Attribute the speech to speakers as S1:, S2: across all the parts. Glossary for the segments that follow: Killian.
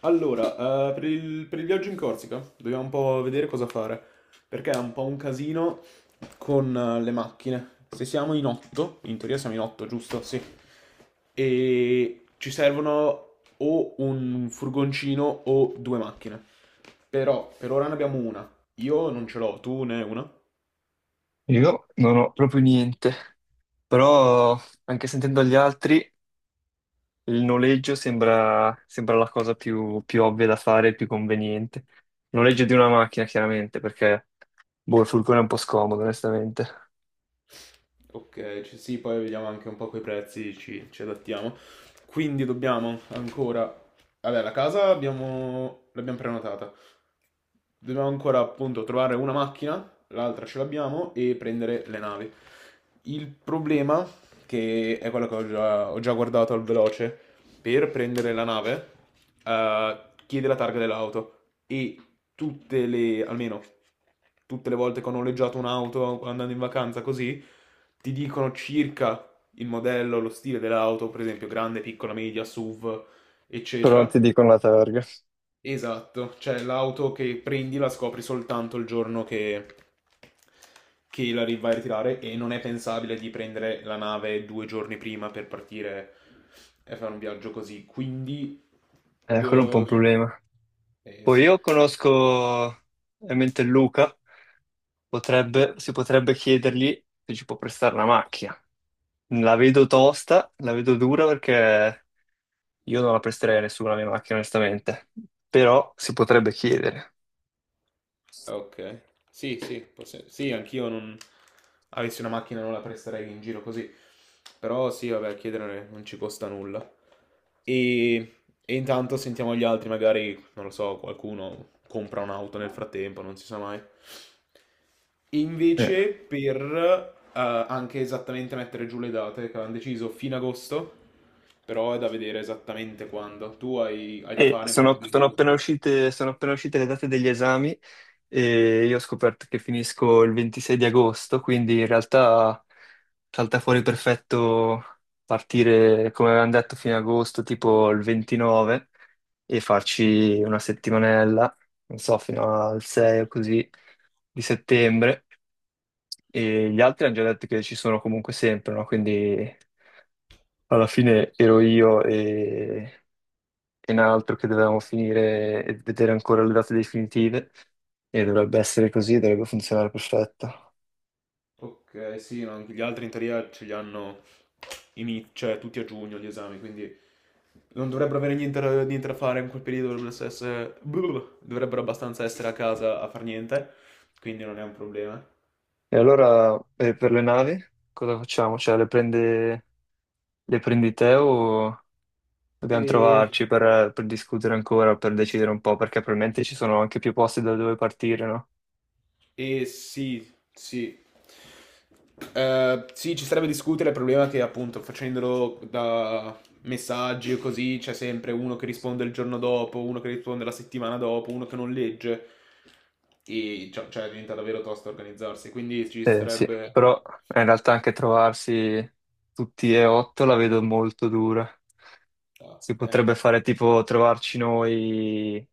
S1: Allora, per il viaggio in Corsica dobbiamo un po' vedere cosa fare, perché è un po' un casino con le macchine. Se siamo in otto, in teoria siamo in otto, giusto? Sì. E ci servono o un furgoncino o 2 macchine. Però per ora ne abbiamo una. Io non ce l'ho, tu ne hai una?
S2: Io non ho proprio niente, però anche sentendo gli altri, il noleggio sembra la cosa più ovvia da fare, più conveniente. Il noleggio di una macchina, chiaramente, perché boh, il furgone è un po' scomodo, onestamente.
S1: Ok, sì, poi vediamo anche un po' quei prezzi, ci adattiamo. Quindi dobbiamo ancora... Vabbè, la casa abbiamo... l'abbiamo prenotata. Dobbiamo ancora appunto trovare una macchina, l'altra ce l'abbiamo, e prendere le navi. Il problema, che è quello che ho già guardato al veloce, per prendere la nave, eh, chiede la targa dell'auto e tutte le, almeno tutte le volte che ho noleggiato un'auto andando in vacanza così, ti dicono circa il modello, lo stile dell'auto, per esempio grande, piccola, media, SUV,
S2: Però non
S1: eccetera.
S2: ti dicono la targa.
S1: Esatto, cioè l'auto che prendi la scopri soltanto il giorno che vai a ritirare e non è pensabile di prendere la nave 2 giorni prima per partire e fare un viaggio così. Quindi,
S2: Quello è un po' un
S1: d-
S2: problema. Poi
S1: sì.
S2: io conosco ovviamente Luca, si potrebbe chiedergli se ci può prestare una macchina. La vedo tosta, la vedo dura perché io non la presterei a nessuno la mia macchina, onestamente, però si potrebbe chiedere.
S1: Ok. Sì, sì, sì, anch'io non... Avessi una macchina non la presterei in giro così. Però sì, vabbè, chiedere non ci costa nulla. E, e intanto sentiamo gli altri, magari, non lo so, qualcuno compra un'auto nel frattempo, non si sa mai.
S2: Eh.
S1: Invece per eh, anche esattamente mettere giù le date che avevano deciso fino agosto, però è da vedere esattamente quando. Hai da
S2: E
S1: fare in quel periodo così.
S2: sono appena uscite le date degli esami e io ho scoperto che finisco il 26 di agosto, quindi in realtà salta fuori perfetto partire, come avevamo detto, fine agosto, tipo il 29, e farci una settimanella, non so, fino al 6 o così di settembre. E gli altri hanno già detto che ci sono comunque sempre, no? Quindi alla fine ero e un altro che dovevamo finire e vedere ancora le date definitive e dovrebbe essere così, dovrebbe funzionare perfetto.
S1: Ok, sì, no, anche gli altri in teoria ce li hanno cioè, tutti a giugno gli esami, quindi non dovrebbero avere niente, da niente da fare in quel periodo, dovrebbero, essere, dovrebbero abbastanza essere a casa a far niente, quindi non è un problema.
S2: E allora per le navi cosa facciamo? Cioè le prendi te o dobbiamo
S1: E
S2: trovarci per discutere ancora, per decidere un po', perché probabilmente ci sono anche più posti da dove partire, no?
S1: E sì, sì. Sì, ci sarebbe discutere, il problema è che appunto facendolo da messaggi o così c'è sempre uno che risponde il giorno dopo, uno che risponde la settimana dopo, uno che non legge e cioè, diventa davvero tosto organizzarsi, quindi ci
S2: Sì,
S1: sarebbe...
S2: però in realtà anche trovarsi tutti e 8 la vedo molto dura.
S1: Ah,
S2: Si potrebbe fare tipo trovarci noi,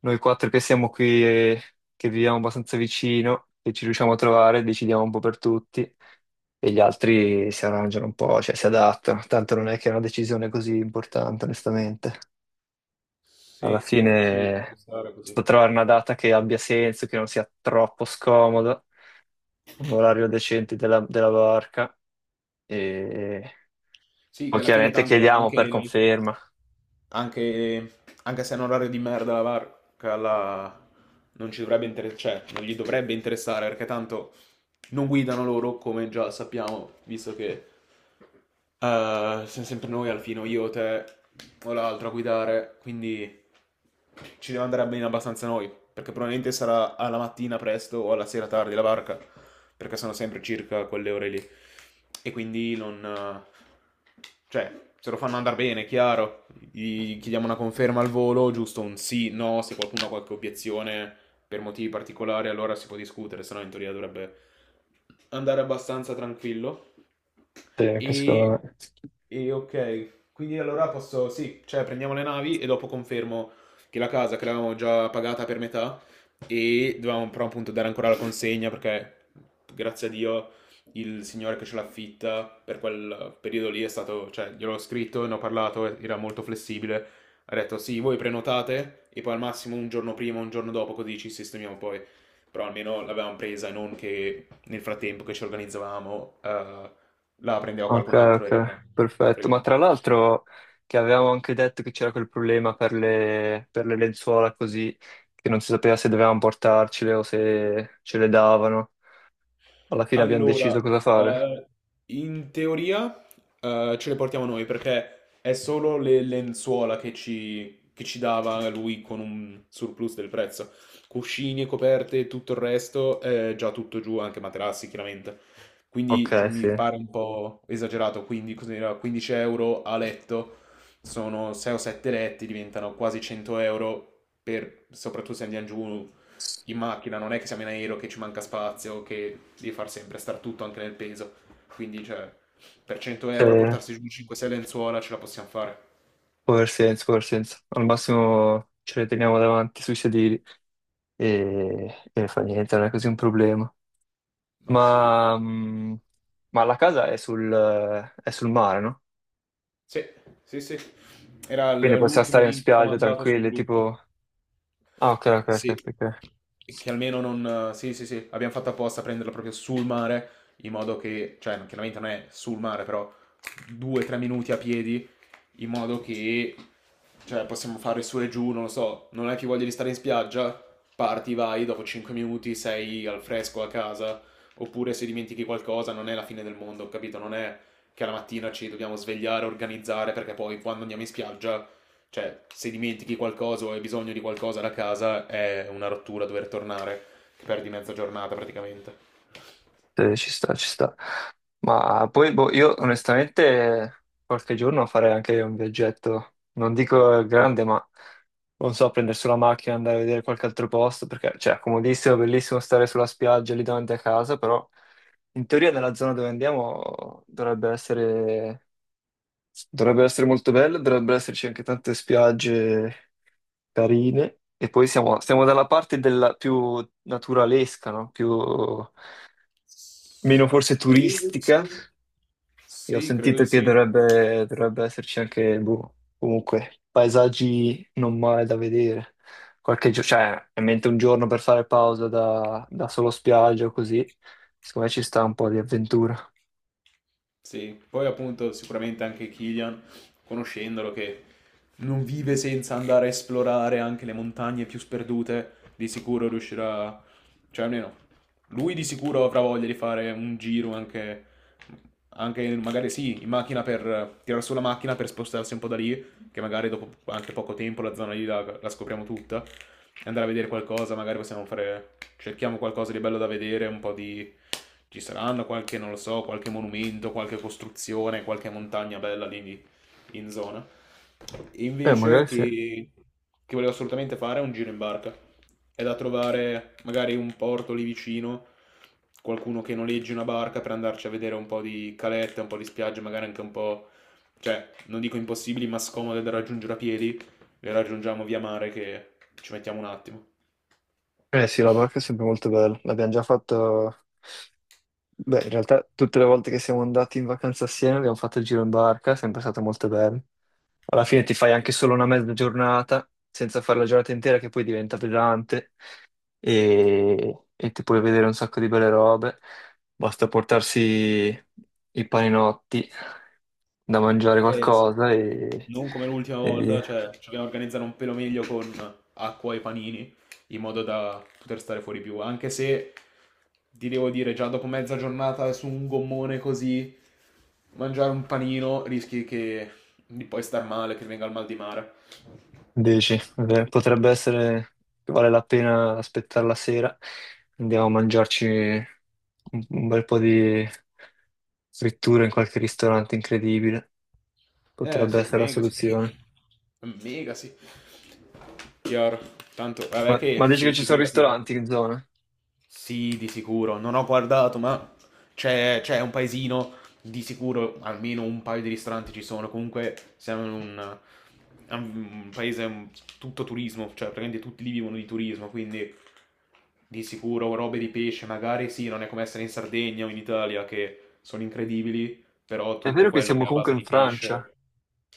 S2: noi 4 che siamo qui e che viviamo abbastanza vicino, che ci riusciamo a trovare, decidiamo un po' per tutti e gli altri si arrangiano un po', cioè si adattano. Tanto non è che è una decisione così importante, onestamente.
S1: sì,
S2: Alla
S1: sì, ci può
S2: fine
S1: stare così.
S2: sto trovare una data che abbia senso, che non sia troppo scomoda, un orario decente della barca e
S1: Sì, che
S2: poi
S1: alla fine
S2: chiaramente
S1: tanto
S2: chiediamo per
S1: anche...
S2: conferma.
S1: Anche, anche se è un orario di merda la barca, non ci dovrebbe interessare, cioè, non gli dovrebbe interessare perché tanto non guidano loro, come già sappiamo, visto che siamo sempre noi al fine, o io, te o l'altro a guidare, quindi ci deve andare bene abbastanza noi, perché probabilmente sarà alla mattina presto o alla sera tardi la barca, perché sono sempre circa quelle ore lì. E quindi non... cioè, se lo fanno andare bene, chiaro gli chiediamo una conferma al volo, giusto un sì, no, se qualcuno ha qualche obiezione per motivi particolari allora si può discutere, se no in teoria dovrebbe andare abbastanza tranquillo.
S2: Sì, anche secondo
S1: E,
S2: me.
S1: e ok, quindi allora posso, sì, cioè prendiamo le navi e dopo confermo che la casa che l'avevamo già pagata per metà e dovevamo però appunto dare ancora la consegna perché grazie a Dio il signore che ce l'affitta per quel periodo lì è stato, cioè gliel'ho scritto, ne ho parlato, e era molto flessibile, ha detto sì, voi prenotate e poi al massimo un giorno prima, un giorno dopo così ci sistemiamo poi, però almeno l'avevamo presa e non che nel frattempo che ci organizzavamo... la prendeva
S2: Ok,
S1: qualcun altro e rimaneva
S2: ok, perfetto. Ma tra
S1: fregato.
S2: l'altro che avevamo anche detto che c'era quel problema per per le lenzuola così, che non si sapeva se dovevamo portarcele o se ce le davano. Alla fine abbiamo deciso
S1: Allora,
S2: cosa fare.
S1: eh, in teoria ce le portiamo noi perché è solo le lenzuola che ci dava lui con un surplus del prezzo. Cuscini e coperte, tutto il resto è già tutto giù, anche materassi chiaramente.
S2: Ok,
S1: Quindi cioè,
S2: sì.
S1: mi pare un po' esagerato, quindi cos'era? 15 euro a letto sono 6 o 7 letti, diventano quasi 100 euro per, soprattutto se andiamo giù in macchina, non è che siamo in aereo che ci manca spazio, che devi far sempre star tutto anche nel peso. Quindi, cioè, per 100
S2: Sì,
S1: euro portarsi giù 5-6 lenzuola ce la possiamo fare.
S2: può aver senso, può aver senso. Al massimo ce le teniamo davanti sui sedili e fa niente, non è così un problema.
S1: Ma sì.
S2: Ma, mh, ma la casa è è sul mare, no?
S1: Sì, sì, sì. Era
S2: Quindi possiamo
S1: l'ultimo
S2: stare in
S1: link
S2: spiaggia
S1: comandato sul
S2: tranquilli,
S1: gruppo.
S2: tipo... Ah, ok, ok, ok,
S1: Sì.
S2: ok, ok.
S1: E che almeno non... Sì, sì, sì. Abbiamo fatto apposta a prenderla proprio sul mare, in modo che... Cioè, chiaramente non è sul mare, però 2-3 minuti a piedi in modo che cioè, possiamo fare su e giù, non lo so, non hai più voglia di stare in spiaggia, parti, vai, dopo 5 minuti sei al fresco a casa, oppure se dimentichi qualcosa non è la fine del mondo, capito? Non è che alla mattina ci dobbiamo svegliare, organizzare, perché poi quando andiamo in spiaggia, cioè se dimentichi qualcosa o hai bisogno di qualcosa da casa è una rottura dover tornare, che perdi mezza giornata praticamente.
S2: Sì, ci sta, ci sta. Ma poi boh, io onestamente qualche giorno farei anche un viaggetto, non dico grande, ma non so, prendere sulla macchina, andare a vedere qualche altro posto, perché cioè, è comodissimo, bellissimo stare sulla spiaggia lì davanti a casa, però in teoria nella zona dove andiamo dovrebbe essere molto bello, dovrebbero esserci anche tante spiagge carine. E poi siamo dalla parte della più naturalesca, no? Più meno forse
S1: Credo di
S2: turistica.
S1: sì.
S2: Io ho
S1: Sì, credo
S2: sentito
S1: di
S2: che
S1: sì.
S2: dovrebbe esserci anche, boh, comunque, paesaggi non male da vedere. Qualche giorno, cioè, ovviamente un giorno per fare pausa da solo spiaggia o così. Secondo me ci sta un po' di avventura.
S1: Sì, poi appunto sicuramente anche Killian, conoscendolo, che non vive senza andare a esplorare anche le montagne più sperdute, di sicuro riuscirà, cioè almeno lui di sicuro avrà voglia di fare un giro anche, anche magari sì, in macchina per tirare su la macchina per spostarsi un po' da lì, che magari dopo anche poco tempo la zona lì la scopriamo tutta, e andare a vedere qualcosa, magari possiamo fare, cerchiamo qualcosa di bello da vedere, un po' di... ci saranno qualche, non lo so, qualche monumento, qualche costruzione, qualche montagna bella lì in zona. E invece
S2: Magari sì.
S1: che, che volevo assolutamente fare è un giro in barca. È da trovare magari un porto lì vicino, qualcuno che noleggi una barca per andarci a vedere un po' di calette, un po' di spiagge, magari anche un po' cioè, non dico impossibili, ma scomode da raggiungere a piedi, le raggiungiamo via mare che ci mettiamo un attimo.
S2: Eh sì, la barca è sempre molto bella. L'abbiamo già fatto... Beh, in realtà tutte le volte che siamo andati in vacanza assieme abbiamo fatto il giro in barca, è sempre stato molto bello. Alla fine ti fai anche solo una mezza giornata, senza fare la giornata intera che poi diventa pesante e ti puoi vedere un sacco di belle robe. Basta portarsi i paninotti da mangiare
S1: Eh sì.
S2: qualcosa
S1: Non come l'ultima
S2: e
S1: volta,
S2: via.
S1: cioè, ci dobbiamo organizzare un pelo meglio con acqua e panini, in modo da poter stare fuori più, anche se ti devo dire, già dopo mezza giornata su un gommone così, mangiare un panino rischi che di poi star male, che venga il mal di mare.
S2: Dici, potrebbe essere che vale la pena aspettare la sera. Andiamo a mangiarci un bel po' di frittura in qualche ristorante incredibile.
S1: Eh
S2: Potrebbe
S1: sì,
S2: essere la
S1: mega sì.
S2: soluzione.
S1: Mega sì. Chiaro. Tanto, vabbè che
S2: Ma dici che
S1: sì,
S2: ci sono
S1: figurati.
S2: ristoranti in zona?
S1: Sì, di sicuro. Non ho guardato, ma c'è un paesino, di sicuro almeno un paio di ristoranti ci sono. Comunque siamo in un, è un paese tutto turismo, cioè praticamente tutti lì vivono di turismo, quindi di sicuro robe di pesce, magari sì, non è come essere in Sardegna o in Italia che sono incredibili, però
S2: È vero
S1: tutto
S2: che
S1: quello che
S2: siamo
S1: è a
S2: comunque
S1: base
S2: in
S1: di
S2: Francia,
S1: pesce...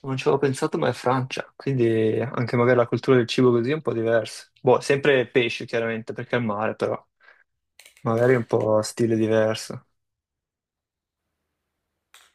S2: non ci avevo pensato, ma è Francia, quindi anche magari la cultura del cibo così è un po' diversa. Boh, sempre pesce chiaramente perché è il mare, però magari è un po' stile diverso.